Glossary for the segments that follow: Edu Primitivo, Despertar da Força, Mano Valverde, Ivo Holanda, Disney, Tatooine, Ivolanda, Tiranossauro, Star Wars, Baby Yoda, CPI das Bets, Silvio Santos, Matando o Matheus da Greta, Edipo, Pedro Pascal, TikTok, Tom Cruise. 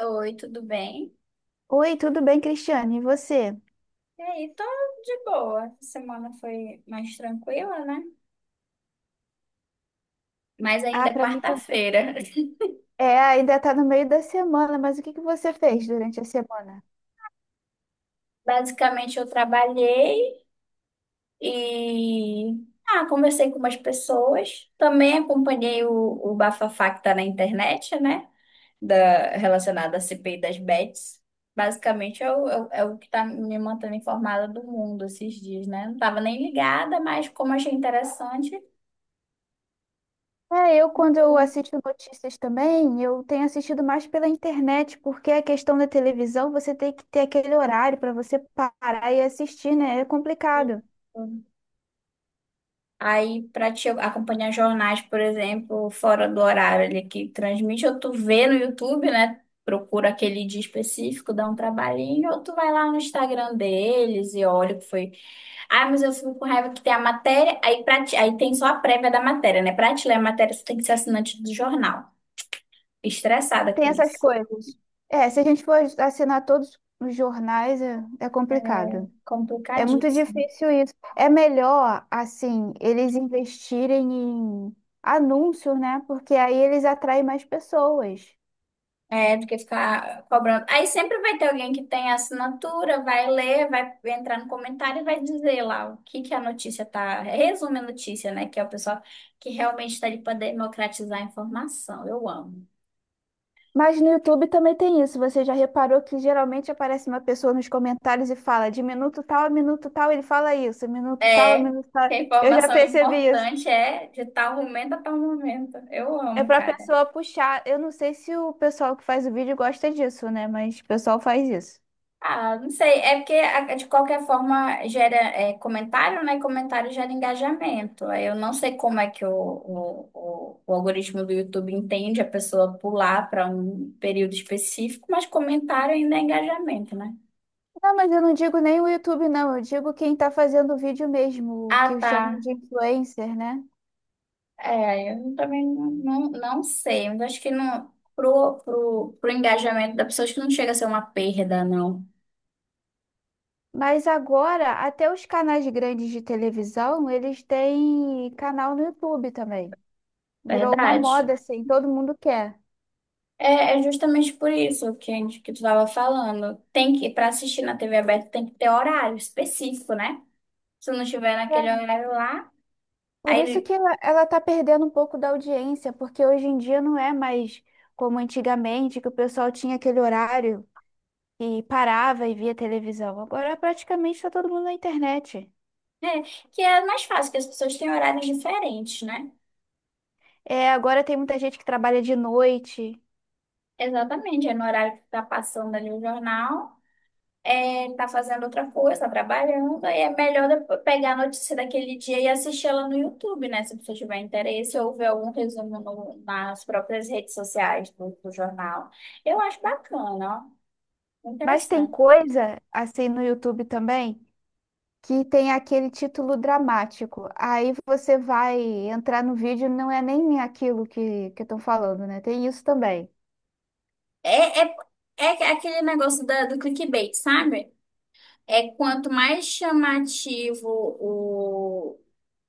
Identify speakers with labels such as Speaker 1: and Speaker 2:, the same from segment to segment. Speaker 1: Oi, tudo bem?
Speaker 2: Oi, tudo bem, Cristiane? E você?
Speaker 1: E aí, tô de boa. Essa semana foi mais tranquila, né? Mas
Speaker 2: Ah,
Speaker 1: ainda é
Speaker 2: pra mim também.
Speaker 1: quarta-feira.
Speaker 2: É, ainda tá no meio da semana, mas o que que você fez durante a semana?
Speaker 1: Basicamente, eu trabalhei e conversei com umas pessoas. Também acompanhei o bafafá que tá na internet, né? Da, relacionado à CPI das Bets. Basicamente, é o que tá me mantendo informada do mundo esses dias, né? Não tava nem ligada, mas como achei interessante,
Speaker 2: É, eu quando eu assisto notícias também, eu tenho assistido mais pela internet, porque a questão da televisão, você tem que ter aquele horário para você parar e assistir, né? É complicado.
Speaker 1: eu- aí, para te acompanhar jornais, por exemplo, fora do horário ali que transmite, ou tu vê no YouTube, né? Procura aquele dia específico, dá um trabalhinho, ou tu vai lá no Instagram deles e olha o que foi. Ah, mas eu fico com raiva que tem a matéria, aí, aí tem só a prévia da matéria, né? Pra te ler a matéria, você tem que ser assinante do jornal. Estressada
Speaker 2: Tem
Speaker 1: com
Speaker 2: essas
Speaker 1: isso.
Speaker 2: coisas. É, se a gente for assinar todos os jornais, é, é
Speaker 1: É
Speaker 2: complicado. É muito
Speaker 1: complicadíssimo.
Speaker 2: difícil isso. É melhor, assim, eles investirem em anúncios, né? Porque aí eles atraem mais pessoas.
Speaker 1: É, do que ficar cobrando. Aí sempre vai ter alguém que tem a assinatura, vai ler, vai entrar no comentário e vai dizer lá o que que a notícia tá. Resume a notícia, né? Que é o pessoal que realmente está ali para democratizar a informação. Eu amo.
Speaker 2: Mas no YouTube também tem isso. Você já reparou que geralmente aparece uma pessoa nos comentários e fala de minuto tal a minuto tal, ele fala isso, minuto tal a
Speaker 1: É,
Speaker 2: minuto tal.
Speaker 1: porque a
Speaker 2: Eu já
Speaker 1: informação
Speaker 2: percebi isso.
Speaker 1: importante é de tal momento a tal momento. Eu
Speaker 2: É
Speaker 1: amo,
Speaker 2: pra
Speaker 1: cara.
Speaker 2: pessoa puxar. Eu não sei se o pessoal que faz o vídeo gosta disso, né? Mas o pessoal faz isso.
Speaker 1: Ah, não sei, é porque de qualquer forma gera é, comentário, né? Comentário gera engajamento. Aí eu não sei como é que o algoritmo do YouTube entende a pessoa pular para um período específico, mas comentário ainda é engajamento, né?
Speaker 2: Não, mas eu não digo nem o YouTube, não. Eu digo quem tá fazendo o vídeo mesmo, o
Speaker 1: Ah,
Speaker 2: que
Speaker 1: tá.
Speaker 2: chamam de influencer, né?
Speaker 1: É, eu também não sei, mas acho que não, pro engajamento da pessoa, acho que não chega a ser uma perda, não.
Speaker 2: Mas agora, até os canais grandes de televisão, eles têm canal no YouTube também. Virou uma
Speaker 1: Verdade.
Speaker 2: moda, assim, todo mundo quer.
Speaker 1: É, é justamente por isso que, que tu estava falando. Tem que, para assistir na TV aberta, tem que ter horário específico, né? Se não tiver naquele
Speaker 2: É,
Speaker 1: horário lá,
Speaker 2: por isso
Speaker 1: aí
Speaker 2: que ela tá perdendo um pouco da audiência, porque hoje em dia não é mais como antigamente, que o pessoal tinha aquele horário e parava e via televisão. Agora praticamente está todo mundo na internet.
Speaker 1: é, que é mais fácil, que as pessoas têm horários diferentes, né?
Speaker 2: É, agora tem muita gente que trabalha de noite.
Speaker 1: Exatamente, é no horário que tá passando ali o jornal, é, tá fazendo outra coisa, tá trabalhando, aí é melhor depois pegar a notícia daquele dia e assistir ela no YouTube, né? Se você tiver interesse, ou ver algum resumo nas próprias redes sociais do jornal. Eu acho bacana,
Speaker 2: Mas tem
Speaker 1: interessante.
Speaker 2: coisa, assim, no YouTube também, que tem aquele título dramático. Aí você vai entrar no vídeo, e não é nem aquilo que estão falando, né? Tem isso também.
Speaker 1: É, é, é aquele negócio da, do clickbait, sabe? É quanto mais chamativo o,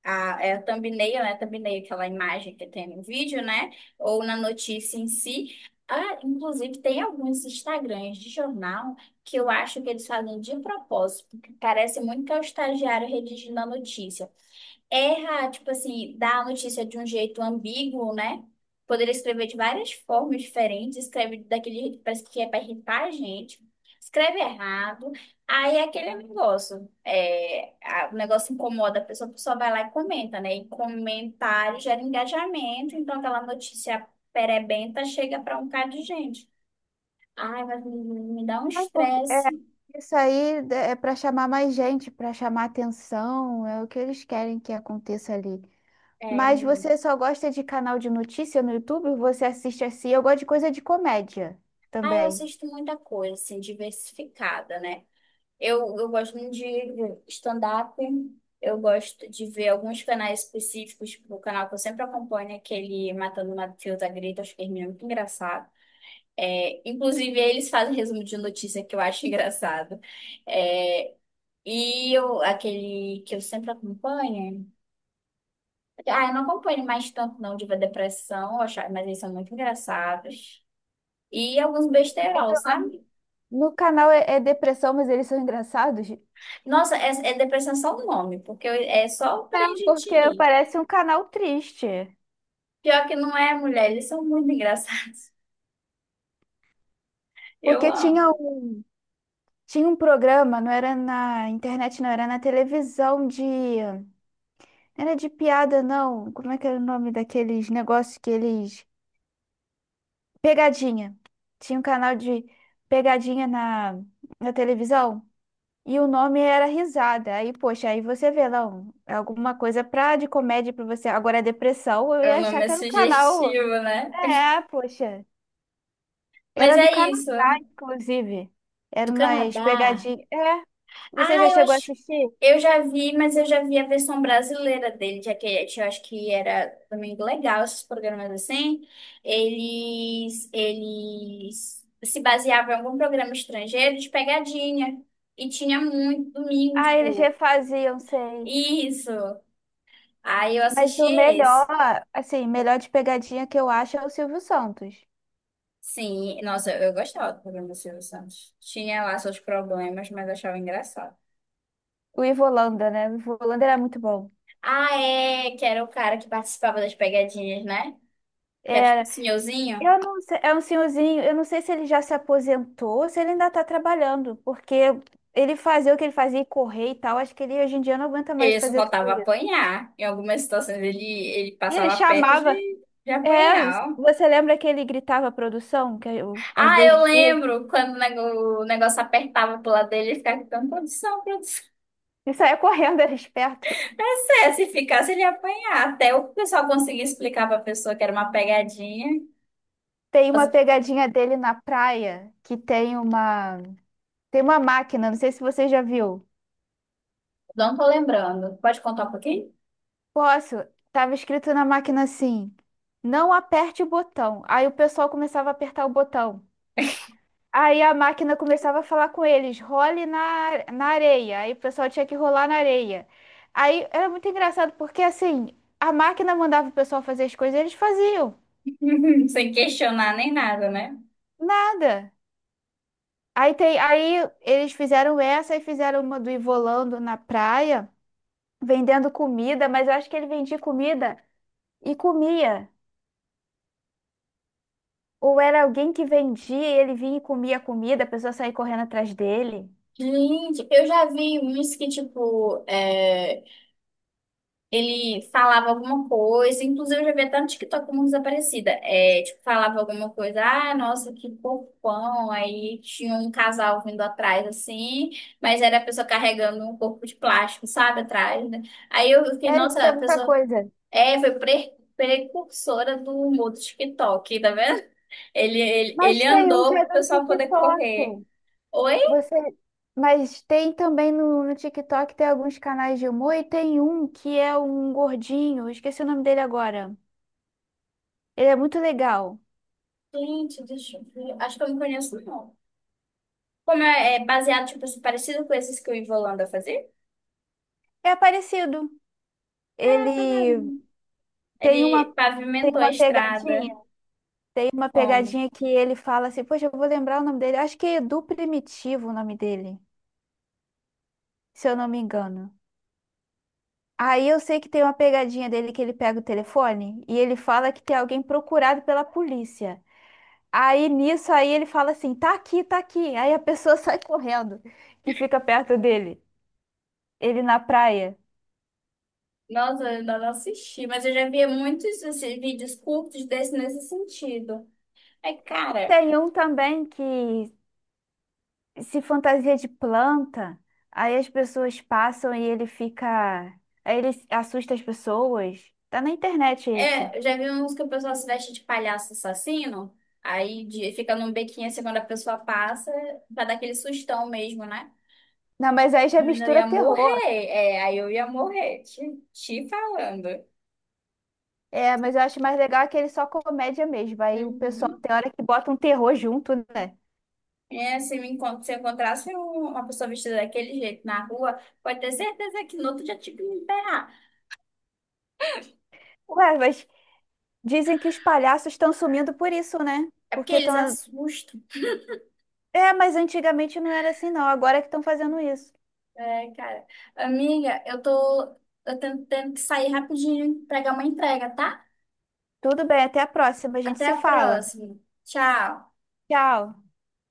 Speaker 1: a, é a thumbnail, né? Thumbnail, aquela imagem que tem no vídeo, né? Ou na notícia em si. Ah, inclusive, tem alguns Instagrams de jornal que eu acho que eles fazem de propósito, porque parece muito que é o estagiário redigindo a notícia. Erra, tipo assim, dá a notícia de um jeito ambíguo, né? Poderia escrever de várias formas diferentes, escreve daquele jeito que parece que é para irritar a gente, escreve errado, aí é aquele negócio, é, o negócio incomoda a pessoa vai lá e comenta, né? E comentário gera engajamento, então aquela notícia perebenta chega para um bocado de gente. Ai, me dá um
Speaker 2: É,
Speaker 1: estresse.
Speaker 2: isso aí é para chamar mais gente, para chamar atenção, é o que eles querem que aconteça ali.
Speaker 1: É,
Speaker 2: Mas você só gosta de canal de notícia no YouTube? Você assiste assim? Eu gosto de coisa de comédia
Speaker 1: ah, eu
Speaker 2: também.
Speaker 1: assisto muita coisa, assim, diversificada, né? Eu gosto muito de stand-up. Eu gosto de ver alguns canais específicos, tipo o canal que eu sempre acompanho, é aquele Matando o Matheus da Greta, acho que ele é muito engraçado. É, inclusive, eles fazem resumo de notícia que eu acho engraçado. É, e eu, aquele que eu sempre acompanho. Ah, eu não acompanho mais tanto, não, de ver depressão, mas eles são muito engraçados. E alguns besterol, sabe?
Speaker 2: No canal é, é depressão, mas eles são engraçados.
Speaker 1: Nossa, é, é depressão é só o nome, porque é só pra
Speaker 2: É,
Speaker 1: gente
Speaker 2: porque
Speaker 1: rir.
Speaker 2: parece um canal triste.
Speaker 1: Pior que não é, mulher, eles são muito engraçados. Eu
Speaker 2: Porque
Speaker 1: amo.
Speaker 2: tinha um programa, não era na internet, não, era na televisão de. Não era de piada, não. Como é que era o nome daqueles negócios que eles. Pegadinha. Tinha um canal de pegadinha na televisão. E o nome era Risada. Aí, poxa, aí você vê, não, é alguma coisa pra, de comédia pra você. Agora, é depressão, eu
Speaker 1: O
Speaker 2: ia achar
Speaker 1: nome é
Speaker 2: que era um canal.
Speaker 1: sugestivo, né?
Speaker 2: É, poxa.
Speaker 1: Mas
Speaker 2: Era do
Speaker 1: é
Speaker 2: canal.
Speaker 1: isso.
Speaker 2: Inclusive,
Speaker 1: Do
Speaker 2: era umas
Speaker 1: Canadá.
Speaker 2: pegadinhas. É, você
Speaker 1: Ah,
Speaker 2: já
Speaker 1: eu
Speaker 2: chegou a
Speaker 1: acho.
Speaker 2: assistir?
Speaker 1: Eu já vi, mas eu já vi a versão brasileira dele, já que eu acho que era também legal esses programas assim. Eles se baseavam em algum programa estrangeiro de pegadinha. E tinha muito domingo,
Speaker 2: Ah, eles
Speaker 1: tipo,
Speaker 2: refaziam, sei.
Speaker 1: isso. Aí eu
Speaker 2: Mas
Speaker 1: assisti
Speaker 2: o
Speaker 1: esse.
Speaker 2: melhor, assim, melhor de pegadinha que eu acho é o Silvio Santos.
Speaker 1: Sim, nossa, eu gostava do programa do Silvio Santos. Tinha lá seus problemas, mas achava engraçado.
Speaker 2: O Ivolanda, né? O Ivo era muito bom.
Speaker 1: Ah, é, que era o cara que participava das pegadinhas, né? Que era tipo o
Speaker 2: Era.
Speaker 1: senhorzinho.
Speaker 2: Eu não sei, é um senhorzinho, eu não sei se ele já se aposentou ou se ele ainda tá trabalhando, porque ele fazia o que ele fazia e correr e tal. Acho que ele hoje em dia não aguenta mais
Speaker 1: Ele só
Speaker 2: fazer tudo
Speaker 1: faltava
Speaker 2: isso.
Speaker 1: apanhar. Em algumas situações ele
Speaker 2: E ele
Speaker 1: passava perto
Speaker 2: chamava.
Speaker 1: de
Speaker 2: É,
Speaker 1: apanhar, ó.
Speaker 2: você lembra que ele gritava a produção? Que eu, às
Speaker 1: Ah, eu
Speaker 2: vezes.
Speaker 1: lembro quando o negócio apertava pro lado dele, ele ficava gritando, produção, produção.
Speaker 2: E saía correndo, era esperto.
Speaker 1: É sério, se ficasse, ele ia apanhar. Até o pessoal conseguir explicar pra pessoa que era uma pegadinha.
Speaker 2: Tem uma
Speaker 1: Nossa,
Speaker 2: pegadinha dele na praia que tem uma máquina, não sei se você já viu.
Speaker 1: não tô lembrando. Pode contar um pouquinho?
Speaker 2: Posso? Tava escrito na máquina assim: "Não aperte o botão". Aí o pessoal começava a apertar o botão. Aí a máquina começava a falar com eles: "Role na na areia". Aí o pessoal tinha que rolar na areia. Aí era muito engraçado porque assim, a máquina mandava o pessoal fazer as coisas, e eles faziam.
Speaker 1: Sem questionar nem nada, né?
Speaker 2: Nada. Aí, tem, aí eles fizeram essa e fizeram uma do Ivolando na praia, vendendo comida, mas eu acho que ele vendia comida e comia. Ou era alguém que vendia e ele vinha e comia a comida, a pessoa saía correndo atrás dele.
Speaker 1: Gente, eu já vi uns que, tipo, é, ele falava alguma coisa, inclusive eu já vi até no TikTok uma desaparecida. É, tipo, falava alguma coisa, ah, nossa, que corpão. Aí tinha um casal vindo atrás, assim, mas era a pessoa carregando um corpo de plástico, sabe, atrás, né? Aí eu fiquei,
Speaker 2: É,
Speaker 1: nossa, a
Speaker 2: tinha muita
Speaker 1: pessoa
Speaker 2: coisa.
Speaker 1: é, foi precursora do humor do TikTok, tá vendo? Ele, ele,
Speaker 2: Mas
Speaker 1: ele
Speaker 2: tem um que
Speaker 1: andou
Speaker 2: é
Speaker 1: pro
Speaker 2: do
Speaker 1: pessoal poder
Speaker 2: TikTok.
Speaker 1: correr. Ou
Speaker 2: Você... Mas tem também no TikTok, tem alguns canais de humor e tem um que é um gordinho, eu esqueci o nome dele agora. Ele é muito legal.
Speaker 1: gente, deixa eu ver. Acho que eu não conheço, não. Como é, é baseado, tipo assim, parecido com esses que o Ivo Holanda fazia?
Speaker 2: É parecido.
Speaker 1: Ah, tá
Speaker 2: Ele
Speaker 1: vendo?
Speaker 2: tem
Speaker 1: Ele
Speaker 2: uma Tem
Speaker 1: pavimentou a
Speaker 2: uma
Speaker 1: estrada.
Speaker 2: pegadinha, tem uma
Speaker 1: Como?
Speaker 2: pegadinha que ele fala assim, poxa, eu vou lembrar o nome dele. Acho que é Edu Primitivo o nome dele, se eu não me engano. Aí eu sei que tem uma pegadinha dele que ele pega o telefone e ele fala que tem alguém procurado pela polícia. Aí nisso aí ele fala assim, tá aqui, tá aqui. Aí a pessoa sai correndo que fica perto dele, ele na praia.
Speaker 1: Nossa, eu ainda não assisti, mas eu já vi muitos assim, vídeos curtos desse nesse sentido. É, cara,
Speaker 2: Tem um também que se fantasia de planta, aí as pessoas passam e ele fica. Aí ele assusta as pessoas. Tá na internet esse.
Speaker 1: é, eu já vi uns que o pessoal se veste de palhaço assassino, fica num bequinho assim quando a pessoa passa, pra dar aquele sustão mesmo, né?
Speaker 2: Não, mas aí já
Speaker 1: Menino, eu
Speaker 2: mistura
Speaker 1: ia
Speaker 2: terror.
Speaker 1: morrer, é, aí eu ia morrer, te falando.
Speaker 2: É, mas eu acho mais legal aquele só comédia mesmo. Aí o pessoal
Speaker 1: Uhum.
Speaker 2: tem hora que bota um terror junto, né?
Speaker 1: É, se eu encontrasse uma pessoa vestida daquele jeito na rua, pode ter certeza que no outro dia tinha que me ferrar.
Speaker 2: Ué, mas dizem que os palhaços estão sumindo por isso, né?
Speaker 1: É porque
Speaker 2: Porque
Speaker 1: eles
Speaker 2: estão.
Speaker 1: assustam.
Speaker 2: É, mas antigamente não era assim, não. Agora é que estão fazendo isso.
Speaker 1: É, cara. Amiga, eu tô tendo que sair rapidinho, pegar uma entrega, tá?
Speaker 2: Tudo bem, até a próxima. A gente
Speaker 1: Até
Speaker 2: se
Speaker 1: a
Speaker 2: fala.
Speaker 1: próxima. Tchau.
Speaker 2: Tchau.